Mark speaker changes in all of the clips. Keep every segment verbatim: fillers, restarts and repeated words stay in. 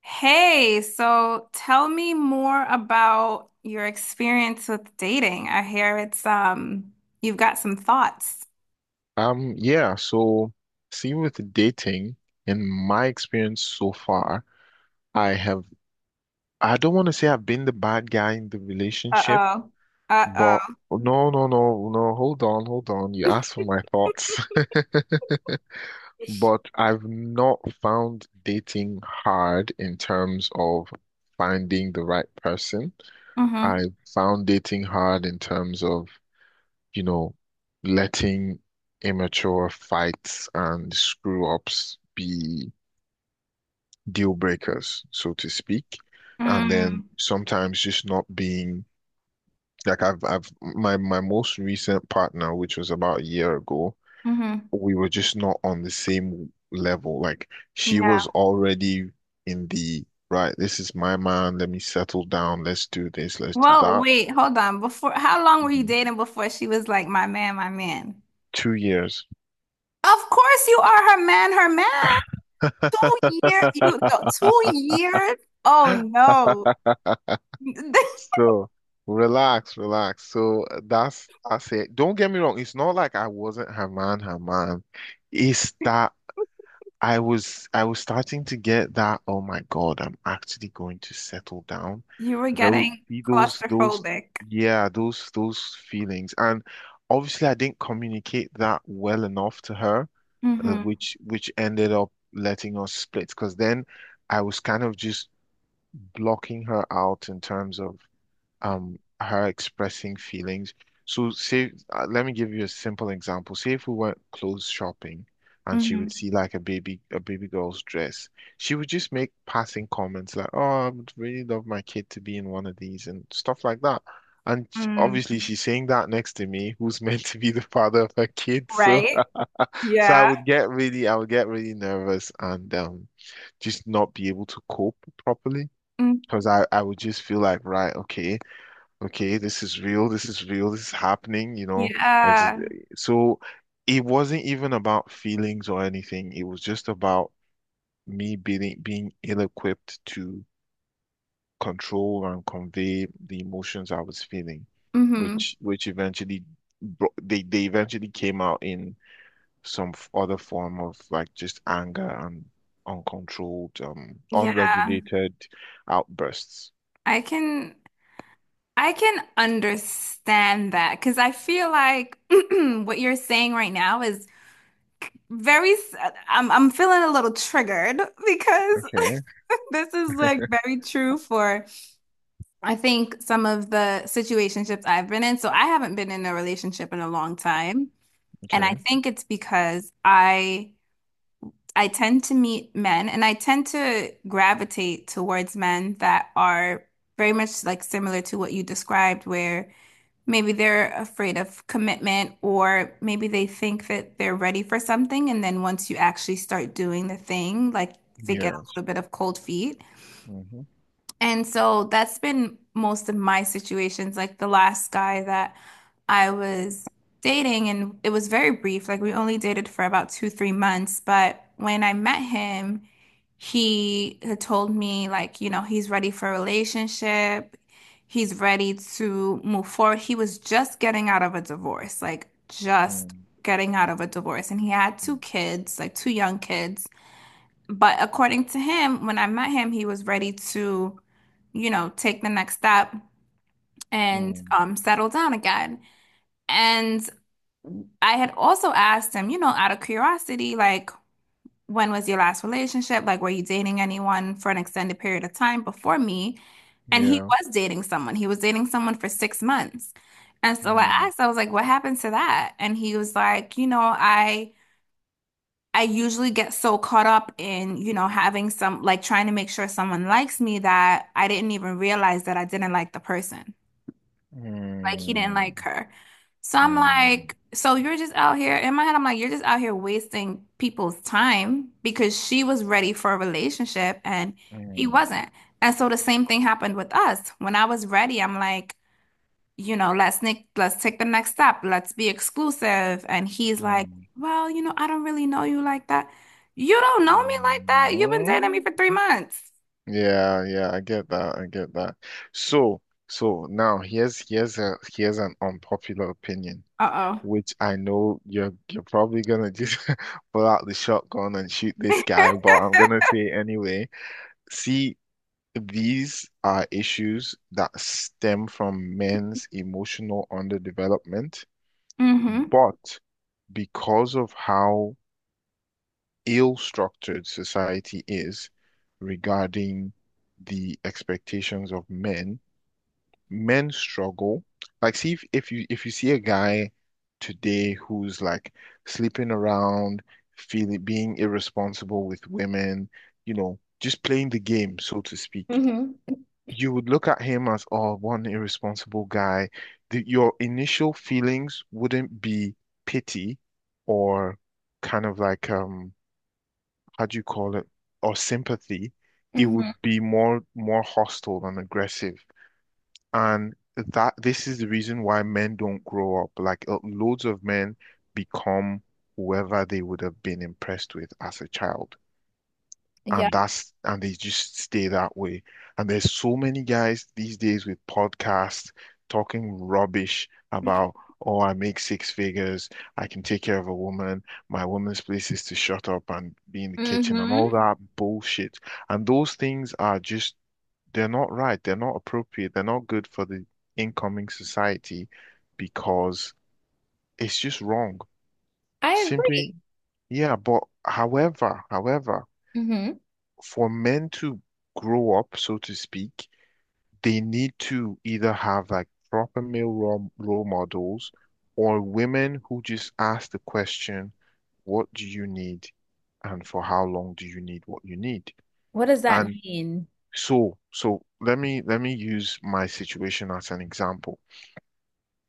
Speaker 1: Hey, so tell me more about your experience with dating. I hear it's um you've got some thoughts.
Speaker 2: Um, yeah, so see with dating, in my experience so far, I have I don't want to say I've been the bad guy in the relationship,
Speaker 1: Uh-oh.
Speaker 2: but
Speaker 1: Uh-oh.
Speaker 2: no, no, no, no, hold on, hold on. You asked for my thoughts. But I've not found dating hard in terms of finding the right person.
Speaker 1: Mm-hmm.
Speaker 2: I found dating hard in terms of you know, letting immature fights and screw ups be deal breakers, so to speak. And then
Speaker 1: Mm.
Speaker 2: sometimes just not being like I've I've my my most recent partner, which was about a year ago,
Speaker 1: Mm-hmm.
Speaker 2: we were just not on the same level. Like she
Speaker 1: Yeah.
Speaker 2: was already in the right, this is my man, let me settle down, let's do this, let's do
Speaker 1: Well,
Speaker 2: that.
Speaker 1: wait, hold on. Before how long were you
Speaker 2: Mhm.
Speaker 1: dating before she was like, my man, my man?
Speaker 2: Two years.
Speaker 1: Of course you are her man, her man. Two year, you no, Two years? Oh no.
Speaker 2: So relax, relax. So that's I said. Don't get me wrong. It's not like I wasn't her man, her man. It's that I was I was starting to get that, oh my God, I'm actually going to settle down.
Speaker 1: You were
Speaker 2: Those
Speaker 1: getting
Speaker 2: see those those
Speaker 1: claustrophobic.
Speaker 2: yeah, those those feelings. And obviously I didn't communicate that well enough to her, uh,
Speaker 1: Mm-hmm.
Speaker 2: which which ended up letting us split because then I was kind of just blocking her out in terms of um her expressing feelings. So say uh, let me give you a simple example. Say if we went clothes shopping and she would
Speaker 1: Mm-hmm.
Speaker 2: see like a baby a baby girl's dress, she would just make passing comments like, "Oh, I would really love my kid to be in one of these" and stuff like that. And sh-
Speaker 1: Mm,
Speaker 2: obviously she's saying that next to me, who's meant to be the father of her kid. So
Speaker 1: right?
Speaker 2: so I
Speaker 1: Yeah.
Speaker 2: would get really I would get really nervous and um just not be able to cope properly
Speaker 1: Mm,
Speaker 2: because I I would just feel like, right, okay okay, this is real, this is real, this is happening, you know. It's,
Speaker 1: yeah.
Speaker 2: so it wasn't even about feelings or anything. It was just about me being being ill-equipped to control and convey the emotions I was feeling,
Speaker 1: Hmm.
Speaker 2: which which eventually bro- they they eventually came out in some f- other form of like just anger and uncontrolled, um,
Speaker 1: Yeah,
Speaker 2: unregulated outbursts.
Speaker 1: I can I can understand that because I feel like what you're saying right now is, very s- I'm I'm feeling a little triggered because
Speaker 2: Okay,
Speaker 1: this is like very true for I think some of the situationships I've been in. So I haven't been in a relationship in a long time, and I
Speaker 2: okay.
Speaker 1: think it's because I I tend to meet men, and I tend to gravitate towards men that are very much like similar to what you described, where maybe they're afraid of commitment or maybe they think that they're ready for something. And then once you actually start doing the thing, like they get
Speaker 2: Yeah.
Speaker 1: a little bit of cold feet.
Speaker 2: Mm-hmm.
Speaker 1: And so that's been most of my situations. Like the last guy that I was dating, and it was very brief, like we only dated for about two, three months. But when I met him, he had told me like, you know, he's ready for a relationship. He's ready to move forward. He was just getting out of a divorce, like just
Speaker 2: Mm-hmm.
Speaker 1: getting out of a divorce. And he had two kids, like two young kids. But according to him, when I met him, he was ready to, you know, take the next step and
Speaker 2: Mm,
Speaker 1: um, settle down again. And I had also asked him, you know, out of curiosity, like, when was your last relationship? Like, were you dating anyone for an extended period of time before me? And he
Speaker 2: yeah.
Speaker 1: was dating someone. He was dating someone for six months. And so I
Speaker 2: Mm,
Speaker 1: asked, I was like, what happened to that? And he was like, you know, I I usually get so caught up in, you know, having some like trying to make sure someone likes me that I didn't even realize that I didn't like the person. Like he didn't
Speaker 2: mm,
Speaker 1: like her. So I'm
Speaker 2: mm,
Speaker 1: like, so you're just out here, in my head, I'm like, you're just out here wasting people's time because she was ready for a relationship and he
Speaker 2: mm,
Speaker 1: wasn't. And so the same thing happened with us. When I was ready, I'm like, you know, let's nick, let's take the next step. Let's be exclusive. And he's like,
Speaker 2: mm,
Speaker 1: well, you know, I don't really know you like that. You don't know me like that. You've been dating me
Speaker 2: mm.
Speaker 1: for three months.
Speaker 2: Yeah, yeah, I get that. I get that. So, so now here's here's a here's an unpopular opinion,
Speaker 1: Uh-oh.
Speaker 2: which I know you're you're probably gonna just pull out the shotgun and shoot this guy, but I'm gonna say anyway. See, these are issues that stem from men's emotional underdevelopment.
Speaker 1: Mm-hmm.
Speaker 2: But because of how ill-structured society is regarding the expectations of men, men struggle. Like, see if, if you if you see a guy today who's like sleeping around, feeling being irresponsible with women, you know, just playing the game, so to speak you would look at him as, oh, one irresponsible guy. The, your initial feelings wouldn't be pity or kind of like, um, how do you call it? Or sympathy. It would
Speaker 1: Mm-hmm.
Speaker 2: be more more hostile and aggressive. And that this is the reason why men don't grow up. Like uh, loads of men become whoever they would have been impressed with as a child
Speaker 1: Yeah.
Speaker 2: and that's and they just stay that way. And there's so many guys these days with podcasts talking rubbish about, oh, I make six figures, I can take care of a woman, my woman's place is to shut up and be in the kitchen and all
Speaker 1: Mm-hmm.
Speaker 2: that bullshit. And those things are just they're not right, they're not appropriate, they're not good for the incoming society because it's just wrong.
Speaker 1: I.
Speaker 2: Simply, yeah, but however, however for men to grow up, so to speak, they need to either have like proper male role, role models or women who just ask the question, what do you need? And for how long do you need what you need? And
Speaker 1: Mm-hmm.
Speaker 2: so, so let me let me use my situation as an example.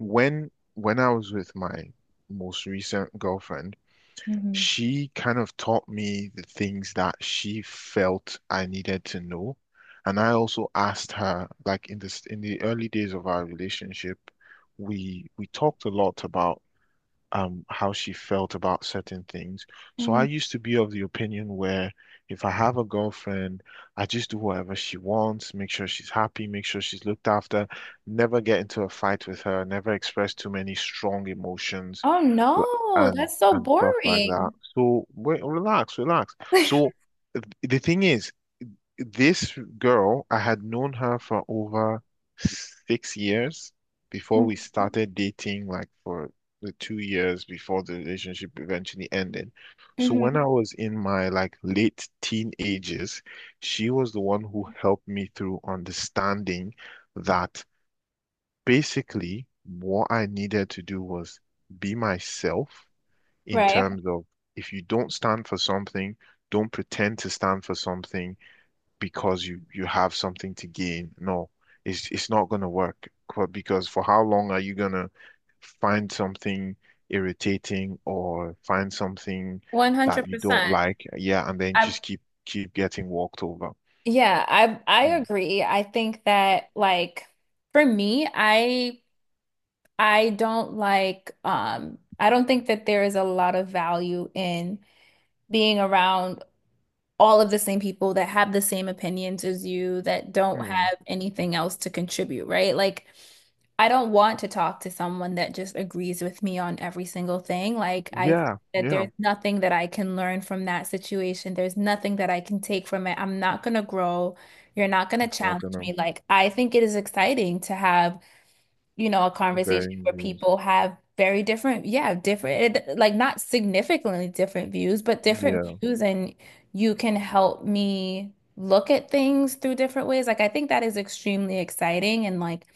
Speaker 2: When when I was with my most recent girlfriend, she kind of taught me the things that she felt I needed to know. And I also asked her, like in this in the early days of our relationship, we we talked a lot about um how she felt about certain things. So I used to be of the opinion where if I have a girlfriend, I just do whatever she wants, make sure she's happy, make sure she's looked after, never get into a fight with her, never express too many strong emotions
Speaker 1: Oh
Speaker 2: l-
Speaker 1: no,
Speaker 2: and
Speaker 1: that's so
Speaker 2: and stuff like that.
Speaker 1: boring.
Speaker 2: So wait, relax, relax. So th- the thing is this girl, I had known her for over six years before we started dating, like for the two years before the relationship eventually ended. So when
Speaker 1: Hmm.
Speaker 2: I was in my like late teenagers, she was the one who helped me through understanding that basically what I needed to do was be myself in
Speaker 1: Right.
Speaker 2: terms of if you don't stand for something, don't pretend to stand for something because you you have something to gain. No, it's it's not going to work. Qu- Because for how long are you going to find something irritating or find something that you don't
Speaker 1: one hundred percent.
Speaker 2: like? Yeah, and then
Speaker 1: I
Speaker 2: just keep keep getting walked over.
Speaker 1: yeah, I I
Speaker 2: Mm.
Speaker 1: agree. I think that like for me, I I don't like, um I don't think that there is a lot of value in being around all of the same people that have the same opinions as you, that don't
Speaker 2: Mm.
Speaker 1: have anything else to contribute, right? Like, I don't want to talk to someone that just agrees with me on every single thing. Like, I think
Speaker 2: Yeah,
Speaker 1: that
Speaker 2: yeah.
Speaker 1: there's nothing that I can learn from that situation. There's nothing that I can take from it. I'm not gonna grow. You're not gonna
Speaker 2: Not
Speaker 1: challenge
Speaker 2: gonna
Speaker 1: me. Like, I think it is exciting to have, you know, a conversation
Speaker 2: very
Speaker 1: where
Speaker 2: use.
Speaker 1: people have very different, yeah, different, it- like not significantly different views, but different
Speaker 2: Yeah,
Speaker 1: views, and you can help me look at things through different ways. Like, I think that is extremely exciting, and like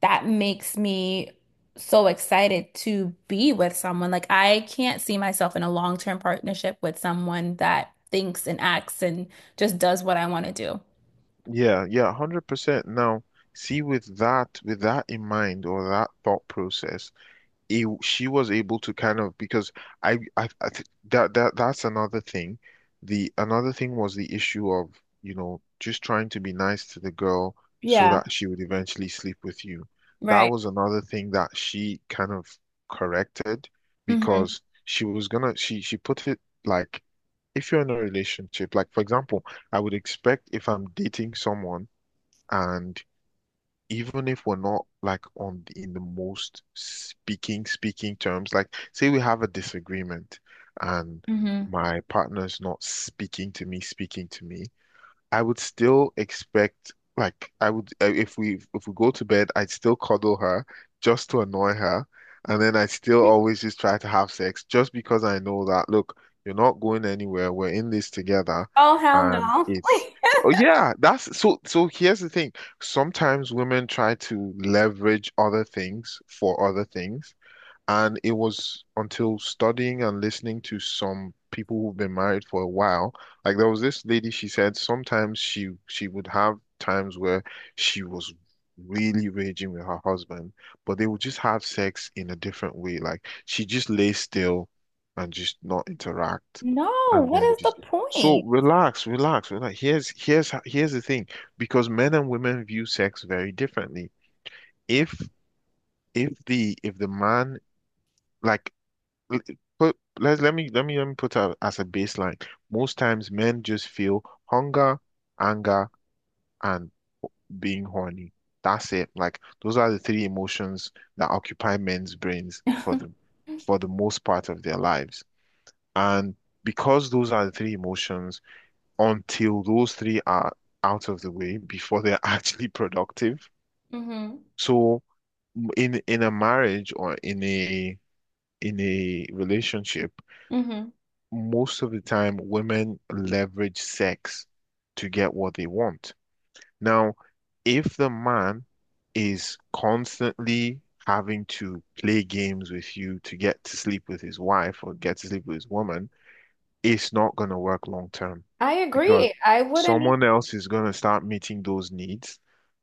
Speaker 1: that makes me so excited to be with someone. Like, I can't see myself in a long-term partnership with someone that thinks and acts and just does what I want to do.
Speaker 2: yeah, yeah. Hundred percent. Now, see, with that, with that in mind, or that thought process, it, she was able to kind of because I I, I th that that that's another thing. The another thing was the issue of, you know, just trying to be nice to the girl so
Speaker 1: Yeah.
Speaker 2: that she would eventually sleep with you. That
Speaker 1: Right.
Speaker 2: was another thing that she kind of corrected
Speaker 1: hmm
Speaker 2: because she was gonna she she put it like if you're in a relationship, like for example, I would expect if I'm dating someone and even if we're not like on the, in the most speaking speaking terms like say we have a disagreement and
Speaker 1: hmm
Speaker 2: my partner's not speaking to me speaking to me I would still expect like I would uh, if we if we go to bed, I'd still cuddle her just to annoy her, and then I'd still always just try to have sex just because I know that look, you're not going anywhere. We're in this together,
Speaker 1: Oh, hell
Speaker 2: and
Speaker 1: no.
Speaker 2: it's oh yeah, that's so so here's the thing. Sometimes women try to leverage other things for other things. And it was until studying and listening to some people who've been married for a while, like there was this lady, she said sometimes she she would have times where she was really raging with her husband, but they would just have sex in a different way. Like she just lay still and just not interact
Speaker 1: No,
Speaker 2: and
Speaker 1: what
Speaker 2: then
Speaker 1: is the
Speaker 2: just so
Speaker 1: point?
Speaker 2: relax, relax, relax. Here's here's h- here's the thing, because men and women view sex very differently. If if the if the man like l- put let's let me let me let me put out as a baseline. Most times men just feel hunger, anger, and being horny. That's it. Like those are the three emotions that occupy men's brains for the for the most part of their lives. And because those are the three emotions, until those three are out of the way before they're actually productive.
Speaker 1: hmm
Speaker 2: So in in a marriage or in a in a relationship
Speaker 1: hmm
Speaker 2: most of the time, women leverage sex to get what they want. Now, if the man is constantly having to play games with you to get to sleep with his wife or get to sleep with his woman, it's not going to work long term
Speaker 1: I
Speaker 2: because
Speaker 1: agree. I wouldn't
Speaker 2: someone else is going to start meeting those needs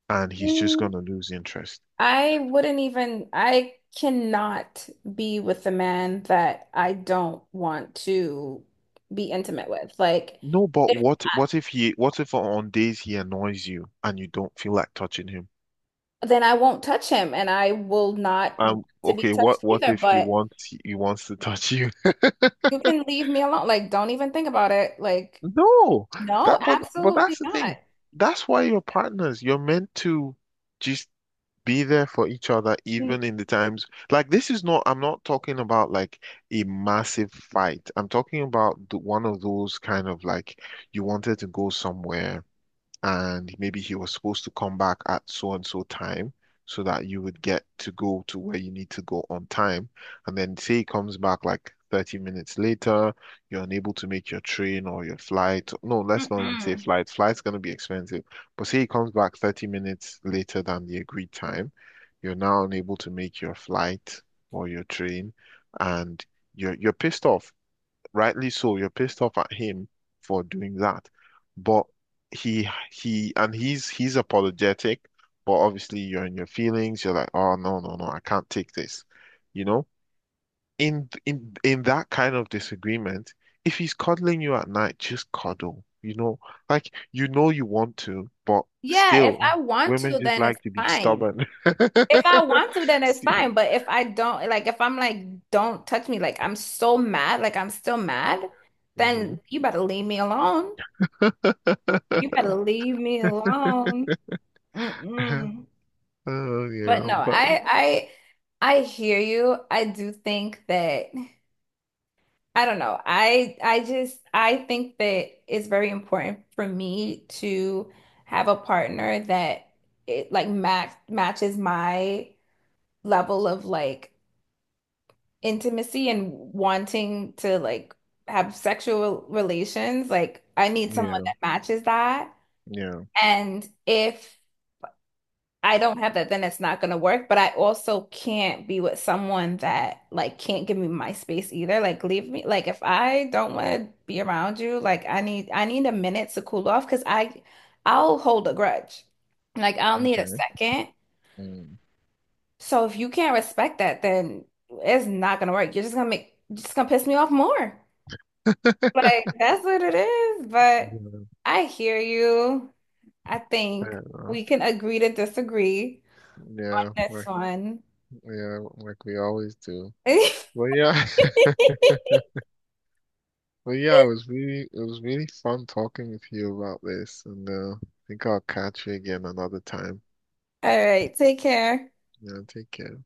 Speaker 2: and he's just
Speaker 1: even,
Speaker 2: going to lose interest.
Speaker 1: I wouldn't even, I cannot be with a man that I don't want to be intimate with. Like,
Speaker 2: No, but
Speaker 1: if
Speaker 2: what what if he what if on days he annoys you and you don't feel like touching him?
Speaker 1: I, then I won't touch him, and I will not want
Speaker 2: Um,
Speaker 1: to be
Speaker 2: okay, what
Speaker 1: touched
Speaker 2: what
Speaker 1: either.
Speaker 2: if he
Speaker 1: But
Speaker 2: wants he wants to touch you?
Speaker 1: you can leave me alone. Like, don't even think about it. Like,
Speaker 2: No,
Speaker 1: no,
Speaker 2: that but but that's
Speaker 1: absolutely
Speaker 2: the
Speaker 1: not.
Speaker 2: thing. That's why you're partners. You're meant to just be there for each other,
Speaker 1: Mm-
Speaker 2: even in the times like this is not. I'm not talking about like a massive fight. I'm talking about the, one of those kind of like you wanted to go somewhere. And maybe he was supposed to come back at so and so time so that you would get to go to where you need to go on time. And then say he comes back like thirty minutes later, you're unable to make your train or your flight. No, let's not even say
Speaker 1: Mm-mm.
Speaker 2: flight. Flight's going to be expensive. But say he comes back thirty minutes later than the agreed time, you're now unable to make your flight or your train and you're you're pissed off rightly so, you're pissed off at him for doing that. But he he and he's he's apologetic, but obviously you're in your feelings, you're like, oh no, no, no, I can't take this. You know? In in in that kind of disagreement, if he's cuddling you at night, just cuddle. You know, like you know you want to, but
Speaker 1: Yeah, if
Speaker 2: still,
Speaker 1: I want
Speaker 2: women
Speaker 1: to,
Speaker 2: just
Speaker 1: then it's
Speaker 2: like to be
Speaker 1: fine.
Speaker 2: stubborn.
Speaker 1: If I want to, then it's
Speaker 2: See?
Speaker 1: fine. But if I don't, like, if I'm like, don't touch me, like, I'm so mad, like, I'm still mad, then
Speaker 2: Mhm.
Speaker 1: you better leave me alone. You better leave me alone. Mm-mm.
Speaker 2: Oh
Speaker 1: But
Speaker 2: yeah,
Speaker 1: no,
Speaker 2: but
Speaker 1: I, I, I hear you. I do think that, I don't know. I, I just, I think that it's very important for me to have a partner that it like match matches my level of like intimacy and wanting to like have sexual relations, like I need someone
Speaker 2: yeah,
Speaker 1: that matches that.
Speaker 2: yeah.
Speaker 1: And if I don't have that, then it's not gonna work. But I also can't be with someone that like can't give me my space either. Like leave me. Like if I don't want to be around you, like I need I need a minute to cool off, because I I'll hold a grudge. Like I'll need a
Speaker 2: Okay.
Speaker 1: second.
Speaker 2: Mm.
Speaker 1: So if you can't respect that, then it's not gonna work. You're just gonna make just gonna piss me off more. Like that's what it is, but
Speaker 2: Yeah,
Speaker 1: I hear you. I think
Speaker 2: fair enough.
Speaker 1: we can agree to disagree.
Speaker 2: Yeah,
Speaker 1: That's
Speaker 2: like
Speaker 1: fun.
Speaker 2: yeah, like we always do.
Speaker 1: All
Speaker 2: But yeah, but yeah, it was really it was really fun talking with you about this, and uh, I think I'll catch you again another time.
Speaker 1: right, take care.
Speaker 2: Yeah, take care.